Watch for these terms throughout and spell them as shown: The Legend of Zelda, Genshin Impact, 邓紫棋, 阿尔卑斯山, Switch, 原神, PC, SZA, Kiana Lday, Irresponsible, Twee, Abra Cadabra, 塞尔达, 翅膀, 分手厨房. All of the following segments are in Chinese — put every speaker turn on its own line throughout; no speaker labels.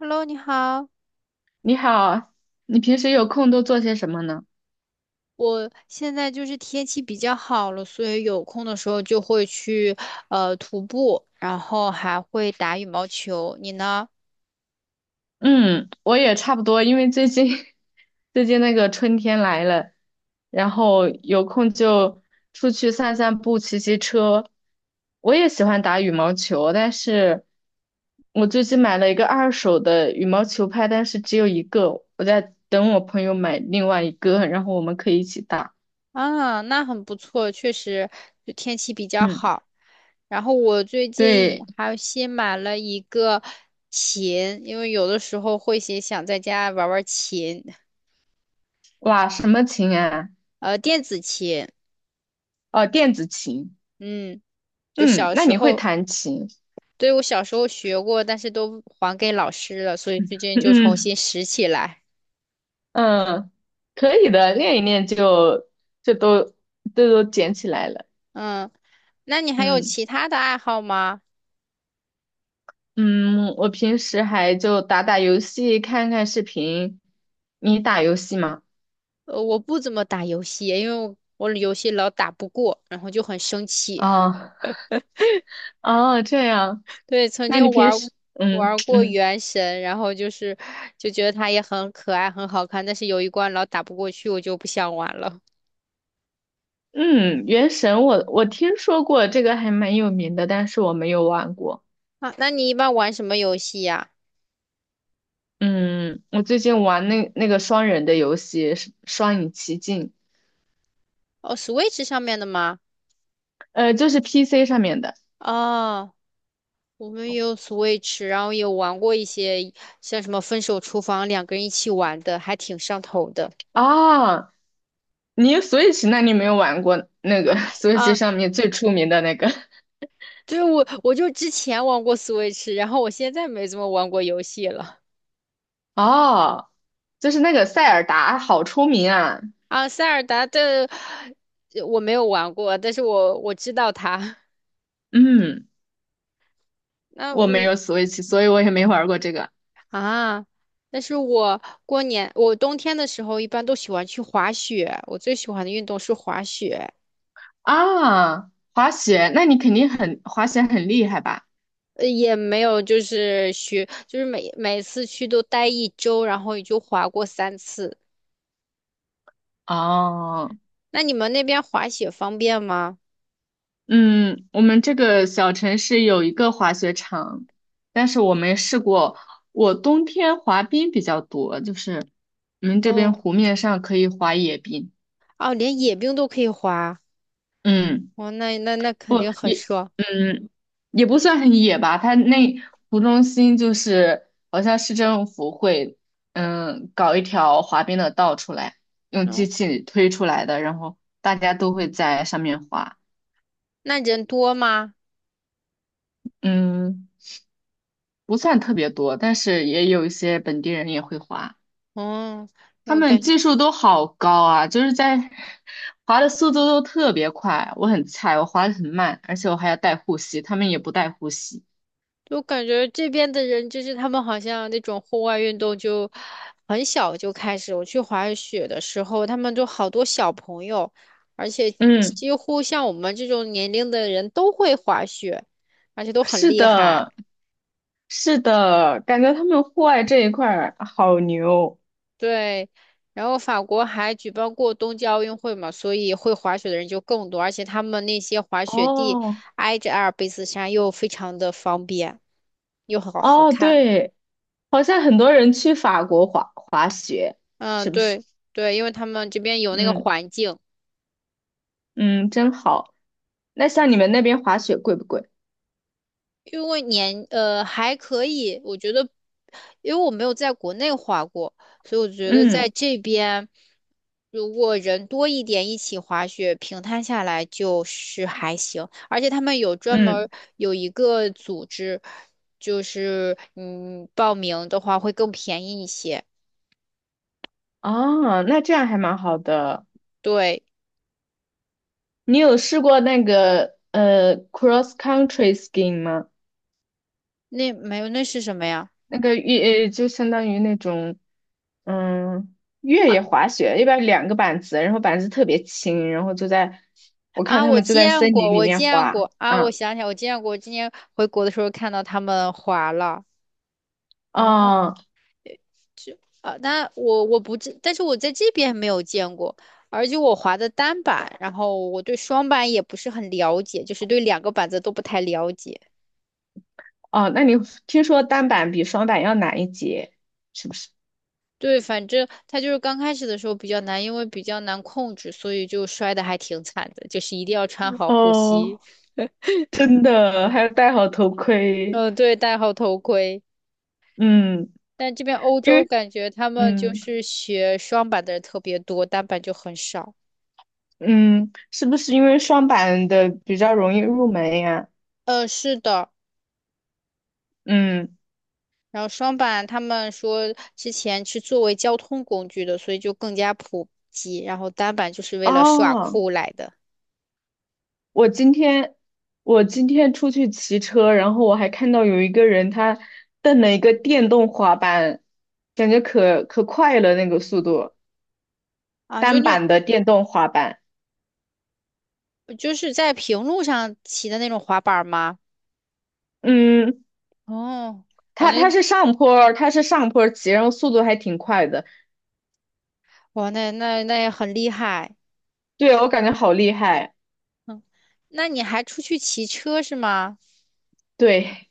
Hello，你好。
你好，你平时有空都做些什么呢？
我现在就是天气比较好了，所以有空的时候就会去徒步，然后还会打羽毛球。你呢？
嗯，我也差不多，因为最近 最近那个春天来了，然后有空就出去散散步、骑骑车。我也喜欢打羽毛球，但是我最近买了一个二手的羽毛球拍，但是只有一个，我在等我朋友买另外一个，然后我们可以一起打。
啊，那很不错，确实就天气比较
嗯，
好。然后我最近也
对，
还新买了一个琴，因为有的时候会写想在家玩玩琴，
哇，什么琴啊？
电子琴。
哦，电子琴。
嗯，就
嗯，
小
那
时
你会
候。
弹琴？
对，我小时候学过，但是都还给老师了，所以最近就重
嗯
新拾起来。
嗯，可以的，练一练就都捡起来了。
嗯，那你还有
嗯
其他的爱好吗？
嗯，我平时还就打打游戏，看看视频。你打游戏吗？
我不怎么打游戏，因为我游戏老打不过，然后就很生气。
啊啊，这样。
对，曾
那你
经玩
平
儿
时。
玩儿过
嗯
《原神》，然后就觉得它也很可爱、很好看，但是有一关老打不过去，我就不想玩了。
嗯，原神我听说过这个还蛮有名的，但是我没有玩过。
啊，那你一般玩什么游戏呀？
嗯，我最近玩那个双人的游戏《是双影奇境》，
哦，Switch 上面的吗？
就是 PC 上面的。
哦。我们也有 Switch，然后也玩过一些像什么《分手厨房》，两个人一起玩的，还挺上头的
啊。那你没有玩过那个 Switch
啊。
上面最出名的那个
对，我就之前玩过 Switch，然后我现在没怎么玩过游戏了
哦，就是那个塞尔达，好出名啊！
啊。塞尔达的我没有玩过，但是我知道它。
嗯，
那
我没
嗯
有 Switch，所以我也没玩过这个
啊，但是我过年我冬天的时候一般都喜欢去滑雪，我最喜欢的运动是滑雪。
啊。滑雪，那你肯定很滑雪很厉害吧？
也没有，就是学，就是每次去都待一周，然后也就滑过三次。
哦，
那你们那边滑雪方便吗？
嗯，我们这个小城市有一个滑雪场，但是我没试过。我冬天滑冰比较多，就是我们这边
哦，
湖面上可以滑野冰。
哦，连野冰都可以滑，
嗯。
哦，那肯
不
定很
也，
爽。
嗯，也不算很野吧。它那湖中心就是好像市政府会，搞一条滑冰的道出来，用机
嗯，
器推出来的，然后大家都会在上面滑。
那人多吗？
嗯，不算特别多，但是也有一些本地人也会滑，
嗯，
他
我
们
感
技术都好高啊，就是在滑的速度都特别快。我很菜，我滑的很慢，而且我还要带护膝，他们也不带护膝。
就感觉这边的人，就是他们好像那种户外运动就很小就开始。我去滑雪的时候，他们就好多小朋友，而且
嗯，
几乎像我们这种年龄的人都会滑雪，而且都很
是
厉害。
的，是的，感觉他们户外这一块儿好牛。
对，然后法国还举办过冬季奥运会嘛，所以会滑雪的人就更多，而且他们那些滑雪地
哦
挨着阿尔卑斯山，又非常的方便，又好好
哦，
看。
对，好像很多人去法国滑滑雪，
嗯，
是不是？
对，因为他们这边有那个
嗯
环境。
嗯，真好。那像你们那边滑雪贵不贵？
因为年呃还可以，我觉得，因为我没有在国内滑过，所以我觉得在
嗯
这边，如果人多一点一起滑雪，平摊下来就是还行。而且他们有专门儿
嗯，
有一个组织，就是报名的话会更便宜一些。
哦，那这样还蛮好的。
对，
你有试过那个cross country skiing 吗？
那没有那是什么呀？
那个越呃就相当于那种嗯，越野滑雪一般两个板子，然后板子特别轻，然后就在我看
啊，
他
我
们就在森
见
林
过，
里
我
面
见
滑。
过啊，我
嗯，
想起来，我见过，今年回国的时候看到他们滑了。嗯。
哦
啊，那我不知，但是我在这边没有见过，而且我滑的单板，然后我对双板也不是很了解，就是对两个板子都不太了解。
哦，那你听说单板比双板要难一截，是不是？
对，反正他就是刚开始的时候比较难，因为比较难控制，所以就摔的还挺惨的，就是一定要穿好护
哦，
膝，
真的，还要戴好头盔。
嗯，对，戴好头盔。
嗯，
但这边欧
因
洲
为
感觉他们就
嗯
是学双板的人特别多，单板就很少。
嗯，是不是因为双板的比较容易入门呀？
嗯，是的，
嗯，
然后双板他们说之前是作为交通工具的，所以就更加普及。然后单板就是为了耍
哦。
酷来的
我今天我今天出去骑车，然后我还看到有一个人他蹬了一个电动滑板，感觉可快了那个速度，
啊，就
单
那种
板的电动滑板。
就是在平路上骑的那种滑板吗？
嗯，
哦，反
他他
正
是上坡儿他是上坡儿骑，然后速度还挺快的。
哇，那也很厉害。
对，我感觉好厉害。
嗯，那你还出去骑车是吗？
对，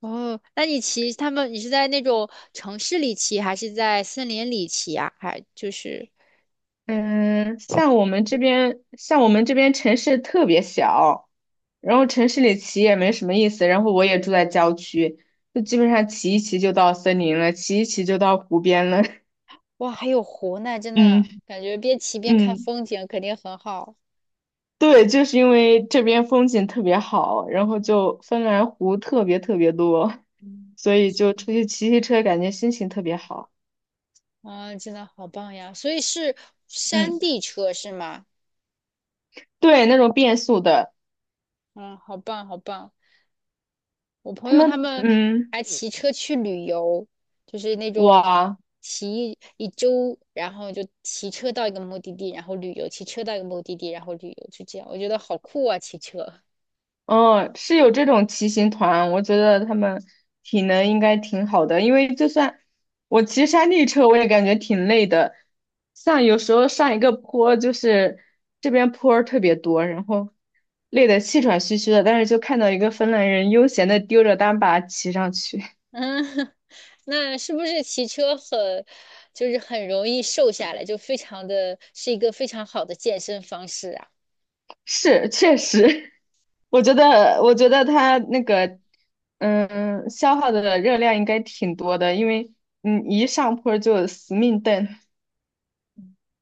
哦，那你骑他们，你是在那种城市里骑，还是在森林里骑啊？还就是
嗯，像我们这边城市特别小，然后城市里骑也没什么意思，然后我也住在郊区，就基本上骑一骑就到森林了，骑一骑就到湖边了。
哇，还有湖呢，真的
嗯
感觉边骑边看
嗯，
风景肯定很好。
对，就是因为这边风景特别好，然后就芬兰湖特别特别多，
嗯，
所以就出去骑骑车，感觉心情特别好。
真的好棒呀！所以是山
嗯，
地车是吗？
对，那种变速的。
嗯，好棒，好棒！我朋
他
友
们
他们
嗯，
还骑车去旅游，就是那种
哇。
骑一周，然后就骑车到一个目的地，然后旅游，骑车到一个目的地，然后旅游，就这样。我觉得好酷啊，骑车。
哦，是有这种骑行团，我觉得他们体能应该挺好的，因为就算我骑山地车，我也感觉挺累的。像有时候上一个坡，就是这边坡儿特别多，然后累得气喘吁吁的，但是就看到一个芬兰人悠闲的丢着单把骑上去。
嗯，那是不是骑车很，就是很容易瘦下来，就非常的是一个非常好的健身方式啊？
是确实，我觉得他那个消耗的热量应该挺多的，因为一上坡就死命蹬。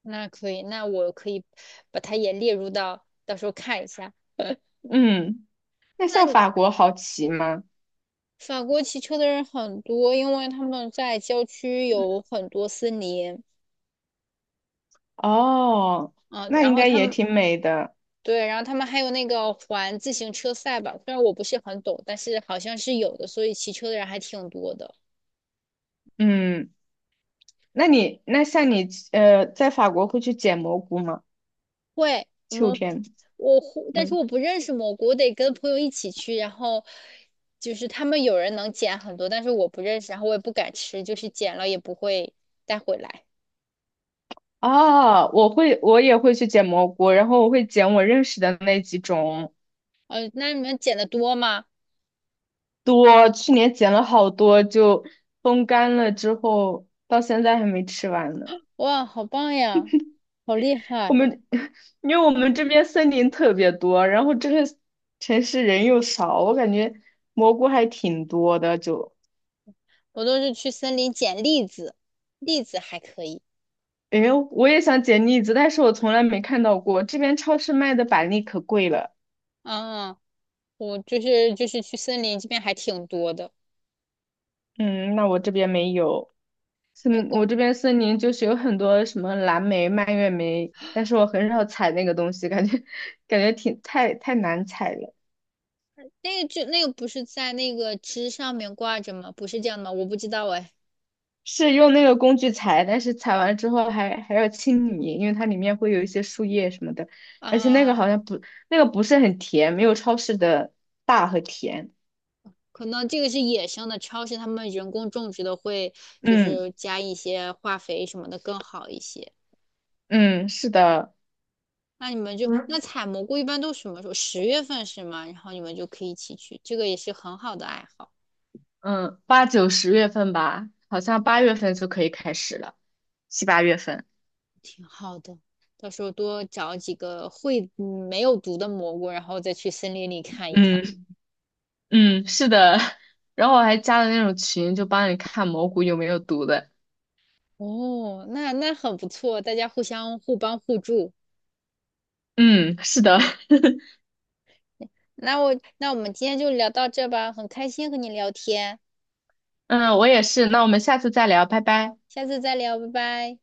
那可以，那我可以把它也列入到，到时候看一下。
嗯。那
那
像
你
法国好骑吗？
法国骑车的人很多，因为他们在郊区有很多森林，
哦，
嗯，
那
然
应
后
该
他
也
们
挺美的。
对，然后他们还有那个环自行车赛吧，虽然我不是很懂，但是好像是有的，所以骑车的人还挺多的。
嗯，那像你在法国会去捡蘑菇吗？
会，我
秋
们
天，
我会但是
嗯，
我不认识蘑菇，我得跟朋友一起去，然后就是他们有人能捡很多，但是我不认识，然后我也不敢吃，就是捡了也不会带回来。
哦，我会，我也会去捡蘑菇，然后我会捡我认识的那几种。
那你们捡的多吗？
多，去年捡了好多，就风干了之后，到现在还没吃完呢。
哇，好棒呀，好厉
我
害！
们 因为我们这边森林特别多，然后这个城市人又少，我感觉蘑菇还挺多的。
我都是去森林捡栗子，栗子还可以。
诶，我也想捡栗子，但是我从来没看到过。这边超市卖的板栗可贵了。
啊，我就是去森林这边还挺多的，
嗯，那我这边没有。
没有
我
挂
这边森林就是有很多什么蓝莓、蔓越莓，但是我很少采那个东西，感觉 感觉挺太难采了。
那个就那个不是在那个枝上面挂着吗？不是这样的吗？我不知道哎。
是用那个工具采，但是采完之后还要清理，因为它里面会有一些树叶什么的，而且那个好
啊。
像不，那个不是很甜，没有超市的大和甜。
可能这个是野生的，超市他们人工种植的会就
嗯
是加一些化肥什么的更好一些。
嗯，是的。
那你们采蘑菇一般都什么时候？十月份是吗？然后你们就可以一起去，这个也是很好的爱好，
嗯，8、9、10月份吧，好像八月份就可以开始了，7、8月份。
挺好的。到时候多找几个会没有毒的蘑菇，然后再去森林里看一看。
嗯嗯，是的。然后我还加了那种群，就帮你看蘑菇有没有毒的。
哦，那那很不错，大家互相互帮互助。
嗯，是的。
那我那我们今天就聊到这吧，很开心和你聊天，
嗯，我也是。那我们下次再聊，拜拜。
下次再聊，拜拜。